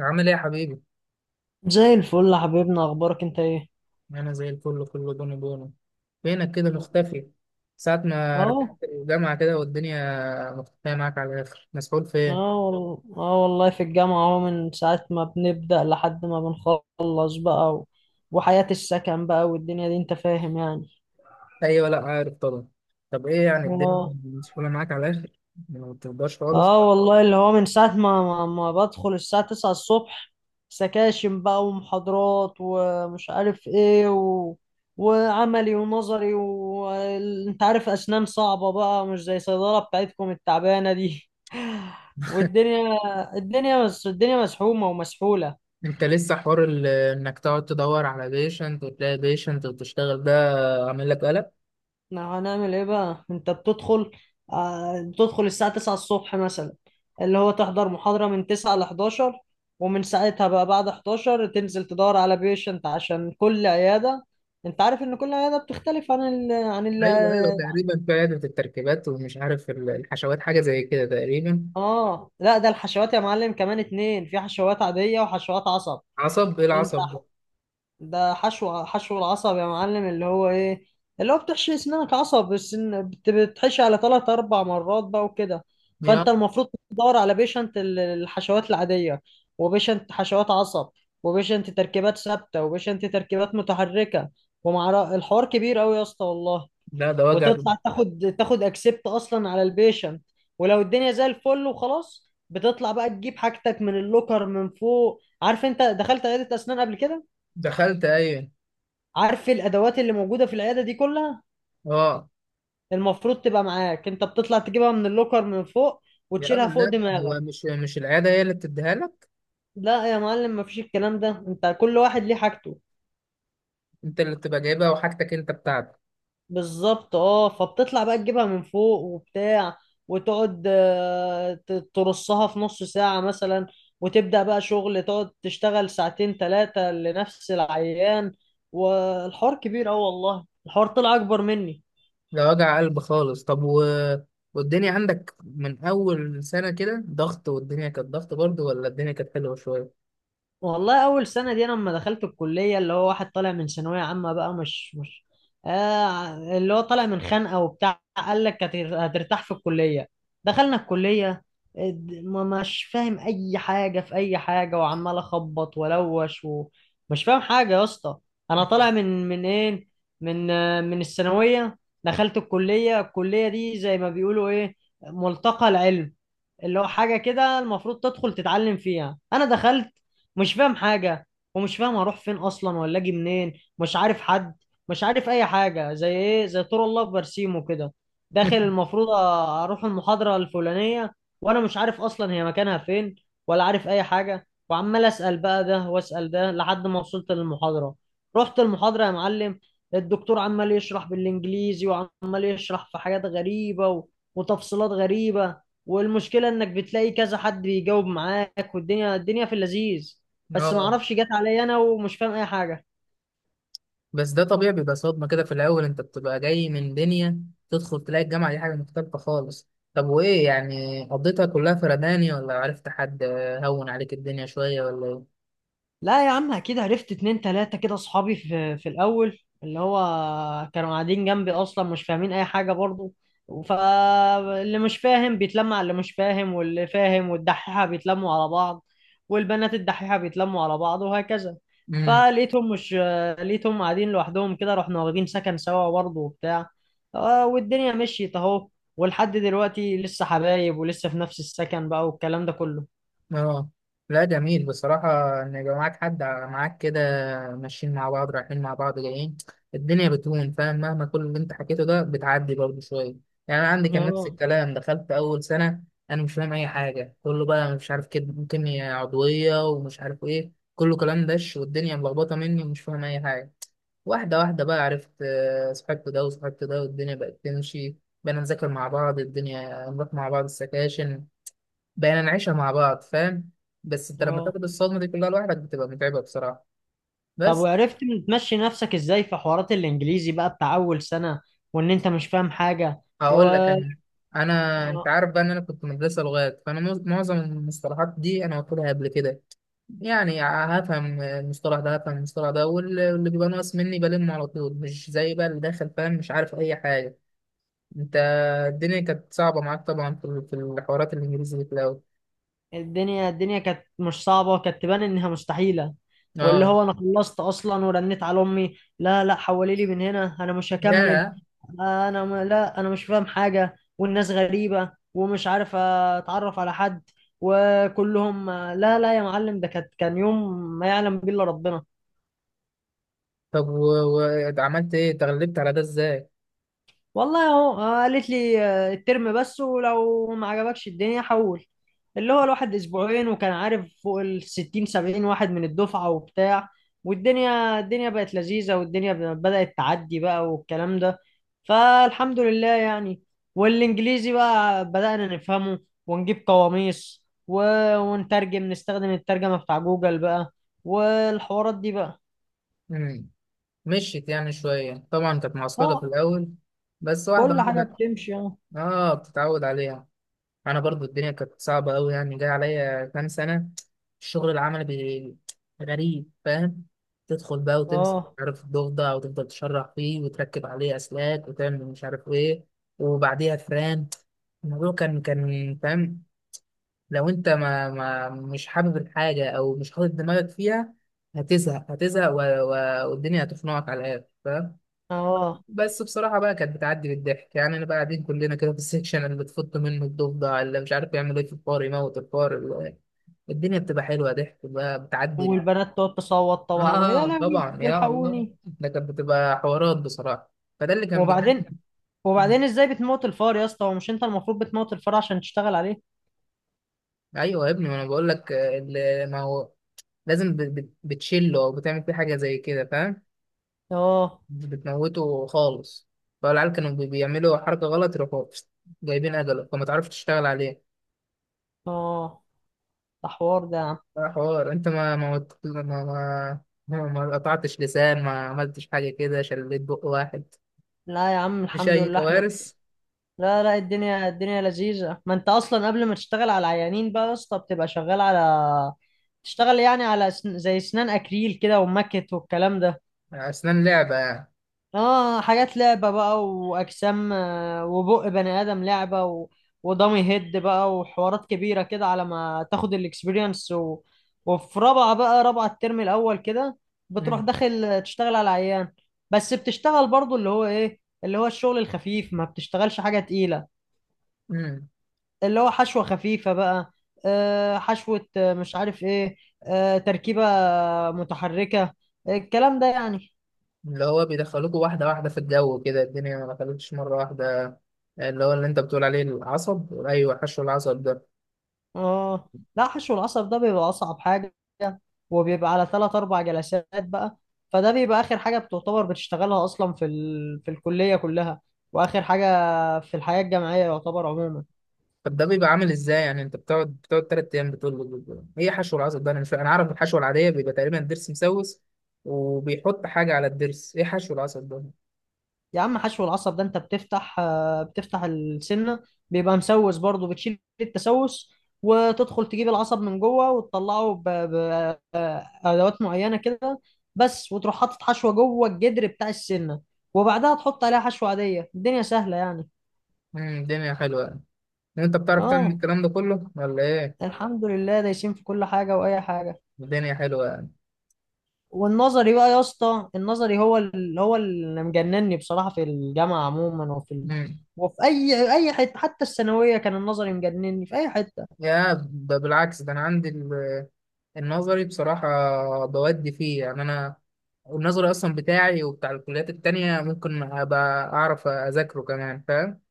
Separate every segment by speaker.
Speaker 1: عامل ايه يا حبيبي؟
Speaker 2: زي الفل يا حبيبنا، اخبارك انت ايه؟
Speaker 1: انا زي الفل، كله بونو بونو. فينك كده مختفي؟ ساعة ما رجعت
Speaker 2: اهو.
Speaker 1: الجامعة كده والدنيا مختفية معاك على الآخر، مسحول في
Speaker 2: اه
Speaker 1: ايه؟
Speaker 2: والله. اه والله، في الجامعة اهو، من ساعة ما بنبدأ لحد ما بنخلص بقى، و... وحياة السكن بقى والدنيا دي انت فاهم يعني.
Speaker 1: أيوة، لأ عارف طبعا. طب ايه يعني الدنيا
Speaker 2: اه.
Speaker 1: مسحولة معاك على الآخر؟ ما بتقدرش خالص.
Speaker 2: اه والله، اللي هو من ساعة ما بدخل الساعة 9 الصبح، سكاشن بقى ومحاضرات ومش عارف ايه، و... وعملي ونظري، وانت عارف اسنان صعبة بقى، مش زي صيدلة بتاعتكم التعبانة دي. والدنيا الدنيا مس... الدنيا مسحومة ومسحولة.
Speaker 1: انت لسه حوار انك تقعد تدور على بيشنت وتلاقي بيشنت وتشتغل ده، عامل لك قلق؟
Speaker 2: احنا هنعمل ايه بقى؟ انت بتدخل، بتدخل الساعة 9 الصبح مثلا، اللي هو تحضر محاضرة من 9 ل 11، ومن ساعتها بقى بعد 11 تنزل تدور على بيشنت، عشان كل عيادة انت عارف ان كل عيادة بتختلف
Speaker 1: ايوه ايوه، تقريبا في عيادة التركيبات، ومش عارف الحشوات، حاجة زي كده تقريبا.
Speaker 2: اه لا، ده الحشوات يا معلم، كمان اتنين، في حشوات عادية وحشوات عصب.
Speaker 1: عصب، ايه
Speaker 2: وانت،
Speaker 1: العصب ده؟
Speaker 2: ده حشو العصب يا معلم، اللي هو ايه، اللي هو بتحشي اسنانك عصب، بس بتحشي على ثلاث اربع مرات بقى وكده.
Speaker 1: يا،
Speaker 2: فانت المفروض تدور على بيشنت الحشوات العاديه، وبيشنت حشوات عصب، وبيشنت تركيبات ثابته، وبيشنت تركيبات متحركه، ومع الحوار كبير قوي يا اسطى والله.
Speaker 1: ده وجع ده.
Speaker 2: وتطلع تاخد اكسبت اصلا على البيشنت، ولو الدنيا زي الفل وخلاص، بتطلع بقى تجيب حاجتك من اللوكر من فوق. عارف انت دخلت عياده اسنان قبل كده؟
Speaker 1: دخلت، ايوه.
Speaker 2: عارف إيه الادوات اللي موجوده في العياده دي كلها
Speaker 1: اه.
Speaker 2: المفروض تبقى معاك؟ انت بتطلع تجيبها من اللوكر من فوق
Speaker 1: يا
Speaker 2: وتشيلها
Speaker 1: راجل،
Speaker 2: فوق
Speaker 1: لا، هو
Speaker 2: دماغك.
Speaker 1: مش العياده هي اللي بتديها لك.
Speaker 2: لا يا معلم، مفيش الكلام ده، انت كل واحد ليه حاجته.
Speaker 1: انت اللي بتبقى جايبها، وحاجتك انت بتاعتك.
Speaker 2: بالظبط، اه. فبتطلع بقى تجيبها من فوق وبتاع، وتقعد ترصها في نص ساعه مثلا، وتبدا بقى شغل، تقعد تشتغل ساعتين ثلاثه لنفس العيان. والحوار كبير اوي والله، الحوار طلع اكبر مني.
Speaker 1: ده وجع قلب خالص. طب والدنيا عندك من اول سنه كده ضغط؟ والدنيا كانت ضغط برضه ولا الدنيا كانت حلوه شويه؟
Speaker 2: والله اول سنه دي، انا لما دخلت الكليه، اللي هو واحد طالع من ثانويه عامه بقى، مش مش آه اللي هو طالع من خانقه وبتاع، قال لك هترتاح في الكليه. دخلنا الكليه، ما مش فاهم اي حاجه في اي حاجه، وعمال اخبط والوش ومش فاهم حاجه يا اسطى. انا طالع من ايه، من الثانويه. دخلت الكليه، الكليه دي زي ما بيقولوا ايه، ملتقى العلم، اللي هو حاجة كده المفروض تدخل تتعلم فيها. أنا دخلت مش فاهم حاجة، ومش فاهم هروح فين أصلا ولا أجي منين، مش عارف حد، مش عارف أي حاجة، زي إيه، زي طور الله في برسيم كده. داخل المفروض أروح المحاضرة الفلانية، وأنا مش عارف أصلا هي مكانها فين ولا عارف أي حاجة، وعمال أسأل بقى ده وأسأل ده لحد ما وصلت للمحاضرة. رحت المحاضرة يا معلم، الدكتور عمال يشرح بالإنجليزي، وعمال يشرح في حاجات غريبة و... وتفصيلات غريبة، والمشكلة انك بتلاقي كذا حد بيجاوب معاك، والدنيا في اللذيذ، بس ما
Speaker 1: اه.
Speaker 2: اعرفش جت عليا انا ومش فاهم اي حاجه.
Speaker 1: بس ده طبيعي، بيبقى صدمه كده في الاول. انت بتبقى جاي من دنيا، تدخل تلاقي الجامعه دي حاجه مختلفه خالص. طب وايه يعني، قضيتها كلها فرداني ولا عرفت حد هون عليك الدنيا شويه، ولا
Speaker 2: لا يا عم، اكيد عرفت اتنين تلاته كده اصحابي في الاول، اللي هو كانوا قاعدين جنبي اصلا مش فاهمين اي حاجه برضو، فاللي مش فاهم بيتلم على اللي مش فاهم، واللي فاهم والدحيحه بيتلموا على بعض، والبنات الدحيحه بيتلموا على بعض وهكذا.
Speaker 1: ايه؟
Speaker 2: فلقيتهم مش آه، لقيتهم قاعدين لوحدهم كده، رحنا واخدين سكن سوا برضه وبتاع. والدنيا مشيت اهو، ولحد دلوقتي لسه حبايب ولسه في نفس السكن بقى والكلام ده كله.
Speaker 1: اه. لا، جميل بصراحة، إن يبقى معاك حد معاك كده، ماشيين مع بعض، رايحين مع بعض جايين، الدنيا بتهون، فاهم؟ مهما كل اللي أنت حكيته ده، بتعدي برضه شوية. يعني أنا عندي كان نفس
Speaker 2: اه.
Speaker 1: الكلام، دخلت أول سنة. أنا مش فاهم أي حاجة، كله بقى مش عارف كده، كيمياء عضوية ومش عارف إيه، كله كلام دش، والدنيا ملخبطة مني ومش فاهم أي حاجة. واحدة واحدة بقى عرفت، صاحبت ده وصاحبت ده، والدنيا بقت تمشي. بقينا نذاكر مع بعض، الدنيا نروح مع بعض السكاشن، بقينا نعيشها مع بعض، فاهم؟ بس انت لما
Speaker 2: اه.
Speaker 1: تاخد الصدمه دي كلها لوحدك، بتبقى متعبه بصراحه.
Speaker 2: طب
Speaker 1: بس
Speaker 2: وعرفت تمشي نفسك ازاي في حوارات الانجليزي بقى بتاع اول سنة، وان انت مش فاهم حاجة؟ و
Speaker 1: هقول لك انا. انا، انت
Speaker 2: آه،
Speaker 1: عارف بقى ان انا كنت مدرسه لغات، فانا معظم المصطلحات دي انا واخدها قبل كده. يعني هفهم المصطلح ده هفهم المصطلح ده، واللي بيبقى ناقص مني بلمه على طول، مش زي بقى اللي داخل فاهم، مش عارف اي حاجه. انت الدنيا كانت صعبه معاك طبعا، في الحوارات الانجليزي دي في الاول.
Speaker 2: الدنيا كانت مش صعبة، كانت تبان انها مستحيلة. واللي
Speaker 1: اه.
Speaker 2: هو انا خلصت اصلا ورنيت على امي، لا، لا، حولي لي من هنا، انا مش هكمل.
Speaker 1: يا.
Speaker 2: انا لا، انا مش فاهم حاجة، والناس غريبة ومش عارف اتعرف على حد، وكلهم لا. لا يا معلم، ده كان يوم ما يعلم به الا ربنا.
Speaker 1: طب وعملت ايه، تغلبت على ده ازاي؟
Speaker 2: والله اهو، قالت لي الترم بس، ولو ما عجبكش الدنيا حول. اللي هو الواحد اسبوعين، وكان عارف فوق ال 60 70 واحد من الدفعه وبتاع. والدنيا بقت لذيذه، والدنيا بدات تعدي بقى والكلام ده. فالحمد لله يعني. والانجليزي بقى بدانا نفهمه، ونجيب قواميس، و... ونترجم، نستخدم الترجمه بتاع جوجل بقى، والحوارات دي بقى.
Speaker 1: مشيت يعني شوية، طبعا كانت معسكرة في
Speaker 2: اه،
Speaker 1: الأول. بس واحدة
Speaker 2: كل حاجه
Speaker 1: واحدة.
Speaker 2: بتمشي، اه.
Speaker 1: اه، بتتعود عليها. أنا برضو الدنيا كانت صعبة أوي، يعني جاي عليا كام سنة. الشغل العملي غريب، فاهم؟ تدخل بقى وتمسك مش
Speaker 2: اه.
Speaker 1: عارف الضفدع، وتفضل تشرح فيه وتركب عليه أسلاك وتعمل مش عارف إيه، وبعديها فران. الموضوع كان فاهم، لو أنت ما, ما مش حابب الحاجة أو مش حاطط دماغك فيها، هتزهق. والدنيا هتخنقك على الآخر.
Speaker 2: اه.
Speaker 1: بس بصراحة بقى كانت بتعدي بالضحك. يعني أنا بقى قاعدين كلنا كده في السكشن، اللي تفط منه الضفدع، اللي مش عارف يعمل إيه في الفار، يموت الفار الدنيا بتبقى حلوة، ضحك بقى، بتعدي.
Speaker 2: والبنات تقعد تصوت طبعا، ويا
Speaker 1: آه
Speaker 2: لهوي
Speaker 1: طبعا. يا الله،
Speaker 2: والحقوني.
Speaker 1: ده كانت بتبقى حوارات بصراحة. فده اللي كان بيجي.
Speaker 2: وبعدين، وبعدين ازاي بتموت الفار يا اسطى؟ هو مش انت المفروض بتموت الفار عشان تشتغل عليه؟
Speaker 1: أيوه يا ابني، ما أنا بقول لك، ما هو لازم بتشله أو بتعمل فيه حاجة زي كده، فاهم؟
Speaker 2: اه.
Speaker 1: بتموته خالص. فالعيال كانوا بيعملوا حركة غلط، يروحوا جايبين أجله فما تعرفش تشتغل عليه.
Speaker 2: اه. ده حوار ده يا عم.
Speaker 1: ده حوار. انت ما ما وت- ما ما ما ما قطعتش لسان، ما عملتش حاجة كده، شليت بق واحد،
Speaker 2: لا يا عم،
Speaker 1: مش
Speaker 2: الحمد
Speaker 1: أي
Speaker 2: لله احنا.
Speaker 1: كوارث.
Speaker 2: لا، لا، الدنيا لذيذة، ما انت اصلا قبل ما تشتغل على العيانين بقى يا اسطى بتبقى شغال على، تشتغل يعني على زي اسنان اكريل كده ومكت والكلام ده.
Speaker 1: أسنان لعبة يعني.
Speaker 2: اه، حاجات لعبة بقى، واجسام، وبق بني ادم لعبة، و... ودامي هيد بقى وحوارات كبيرة كده، على ما تاخد الاكسبيرينس. و... وفي رابعة بقى، رابعة الترم الاول كده، بتروح
Speaker 1: مم.
Speaker 2: داخل تشتغل على العيان، بس بتشتغل برضو اللي هو ايه اللي هو الشغل الخفيف، ما بتشتغلش حاجة تقيلة،
Speaker 1: مم.
Speaker 2: اللي هو حشوة خفيفة بقى، حشوة، مش عارف ايه، تركيبة متحركة، الكلام ده يعني.
Speaker 1: اللي هو بيدخلوكوا واحدة واحدة في الجو كده، الدنيا ما دخلتش مرة واحدة. اللي هو اللي انت بتقول عليه العصب، أيوة حشو العصب ده.
Speaker 2: اه، لا، حشو العصب ده بيبقى اصعب حاجه، وبيبقى على ثلاث اربع جلسات بقى، فده بيبقى اخر حاجه بتعتبر بتشتغلها اصلا في الكليه كلها، واخر حاجه في الحياه الجامعيه يعتبر عموما.
Speaker 1: طب ده بيبقى عامل ازاي يعني؟ انت بتقعد تلات أيام بتقول له ايه حشو العصب ده، أنا مش فاهم. أنا عارف الحشوة العادية بيبقى تقريبا الضرس مسوس، وبيحط حاجة على الضرس. ايه حشو العصب ده؟
Speaker 2: يا عم، حشو العصب ده انت بتفتح السنه، بيبقى مسوس برضه، بتشيل التسوس، وتدخل تجيب العصب من جوه وتطلعه بادوات معينه كده بس، وتروح حاطط حشوه جوه الجدر بتاع السنه، وبعدها تحط عليها حشوه عاديه. الدنيا سهله يعني.
Speaker 1: الدنيا حلوة يعني، انت بتعرف تعمل
Speaker 2: اه،
Speaker 1: الكلام ده كله ولا ايه؟
Speaker 2: الحمد لله، دايسين في كل حاجة وأي حاجة.
Speaker 1: الدنيا حلوه يعني.
Speaker 2: والنظري بقى يا اسطى، النظري هو اللي هو اللي مجنني بصراحة، في الجامعة عموما وفي ال...
Speaker 1: مم.
Speaker 2: وفي أي حتة، حتى الثانوية كان النظري مجنني في أي حتة.
Speaker 1: يا بالعكس. ده انا عندي النظري بصراحه بودي فيه. يعني انا النظري اصلا بتاعي وبتاع الكليات التانية ممكن ابقى اعرف اذاكره كمان، فاهم؟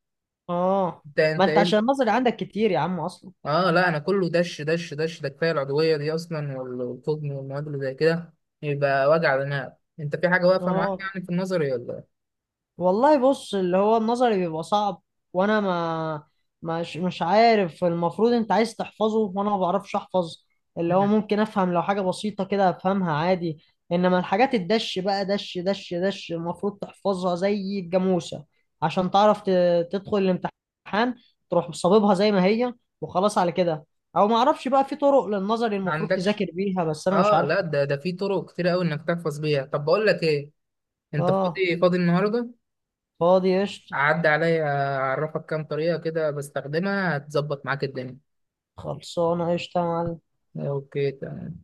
Speaker 2: اه،
Speaker 1: انت
Speaker 2: ما
Speaker 1: انت
Speaker 2: أنت
Speaker 1: ايه
Speaker 2: عشان النظري عندك كتير يا عم أصلا.
Speaker 1: اه، لا، انا كله دش دش دش، ده كفايه العضويه دي اصلا والفضم والمواد اللي زي كده، يبقى وجع دماغ. انت في حاجه واقفه معاك
Speaker 2: اه
Speaker 1: يعني في النظري، ولا إيه؟
Speaker 2: والله بص، اللي هو النظري بيبقى صعب، وانا ما مش عارف، المفروض انت عايز تحفظه وانا ما بعرفش احفظ، اللي هو
Speaker 1: مم.
Speaker 2: ممكن افهم لو حاجة بسيطة كده افهمها عادي، انما الحاجات الدش بقى دش دش دش المفروض تحفظها زي الجاموسة، عشان تعرف تدخل الامتحان، تروح صاببها زي ما هي، وخلاص على كده. او ما اعرفش بقى، في طرق للنظري
Speaker 1: ما
Speaker 2: المفروض
Speaker 1: عندكش؟
Speaker 2: تذاكر بيها بس انا مش
Speaker 1: اه لا،
Speaker 2: عارفه.
Speaker 1: ده في طرق كتير قوي انك تحفظ بيها. طب بقول لك ايه، انت
Speaker 2: اه،
Speaker 1: فاضي فاضي النهارده؟
Speaker 2: فاضي قشطة.
Speaker 1: اعدي عليا، اعرفك كام طريقه كده بستخدمها، هتظبط معاك الدنيا.
Speaker 2: خلصانة قشطة يا معلم.
Speaker 1: اوكي تمام.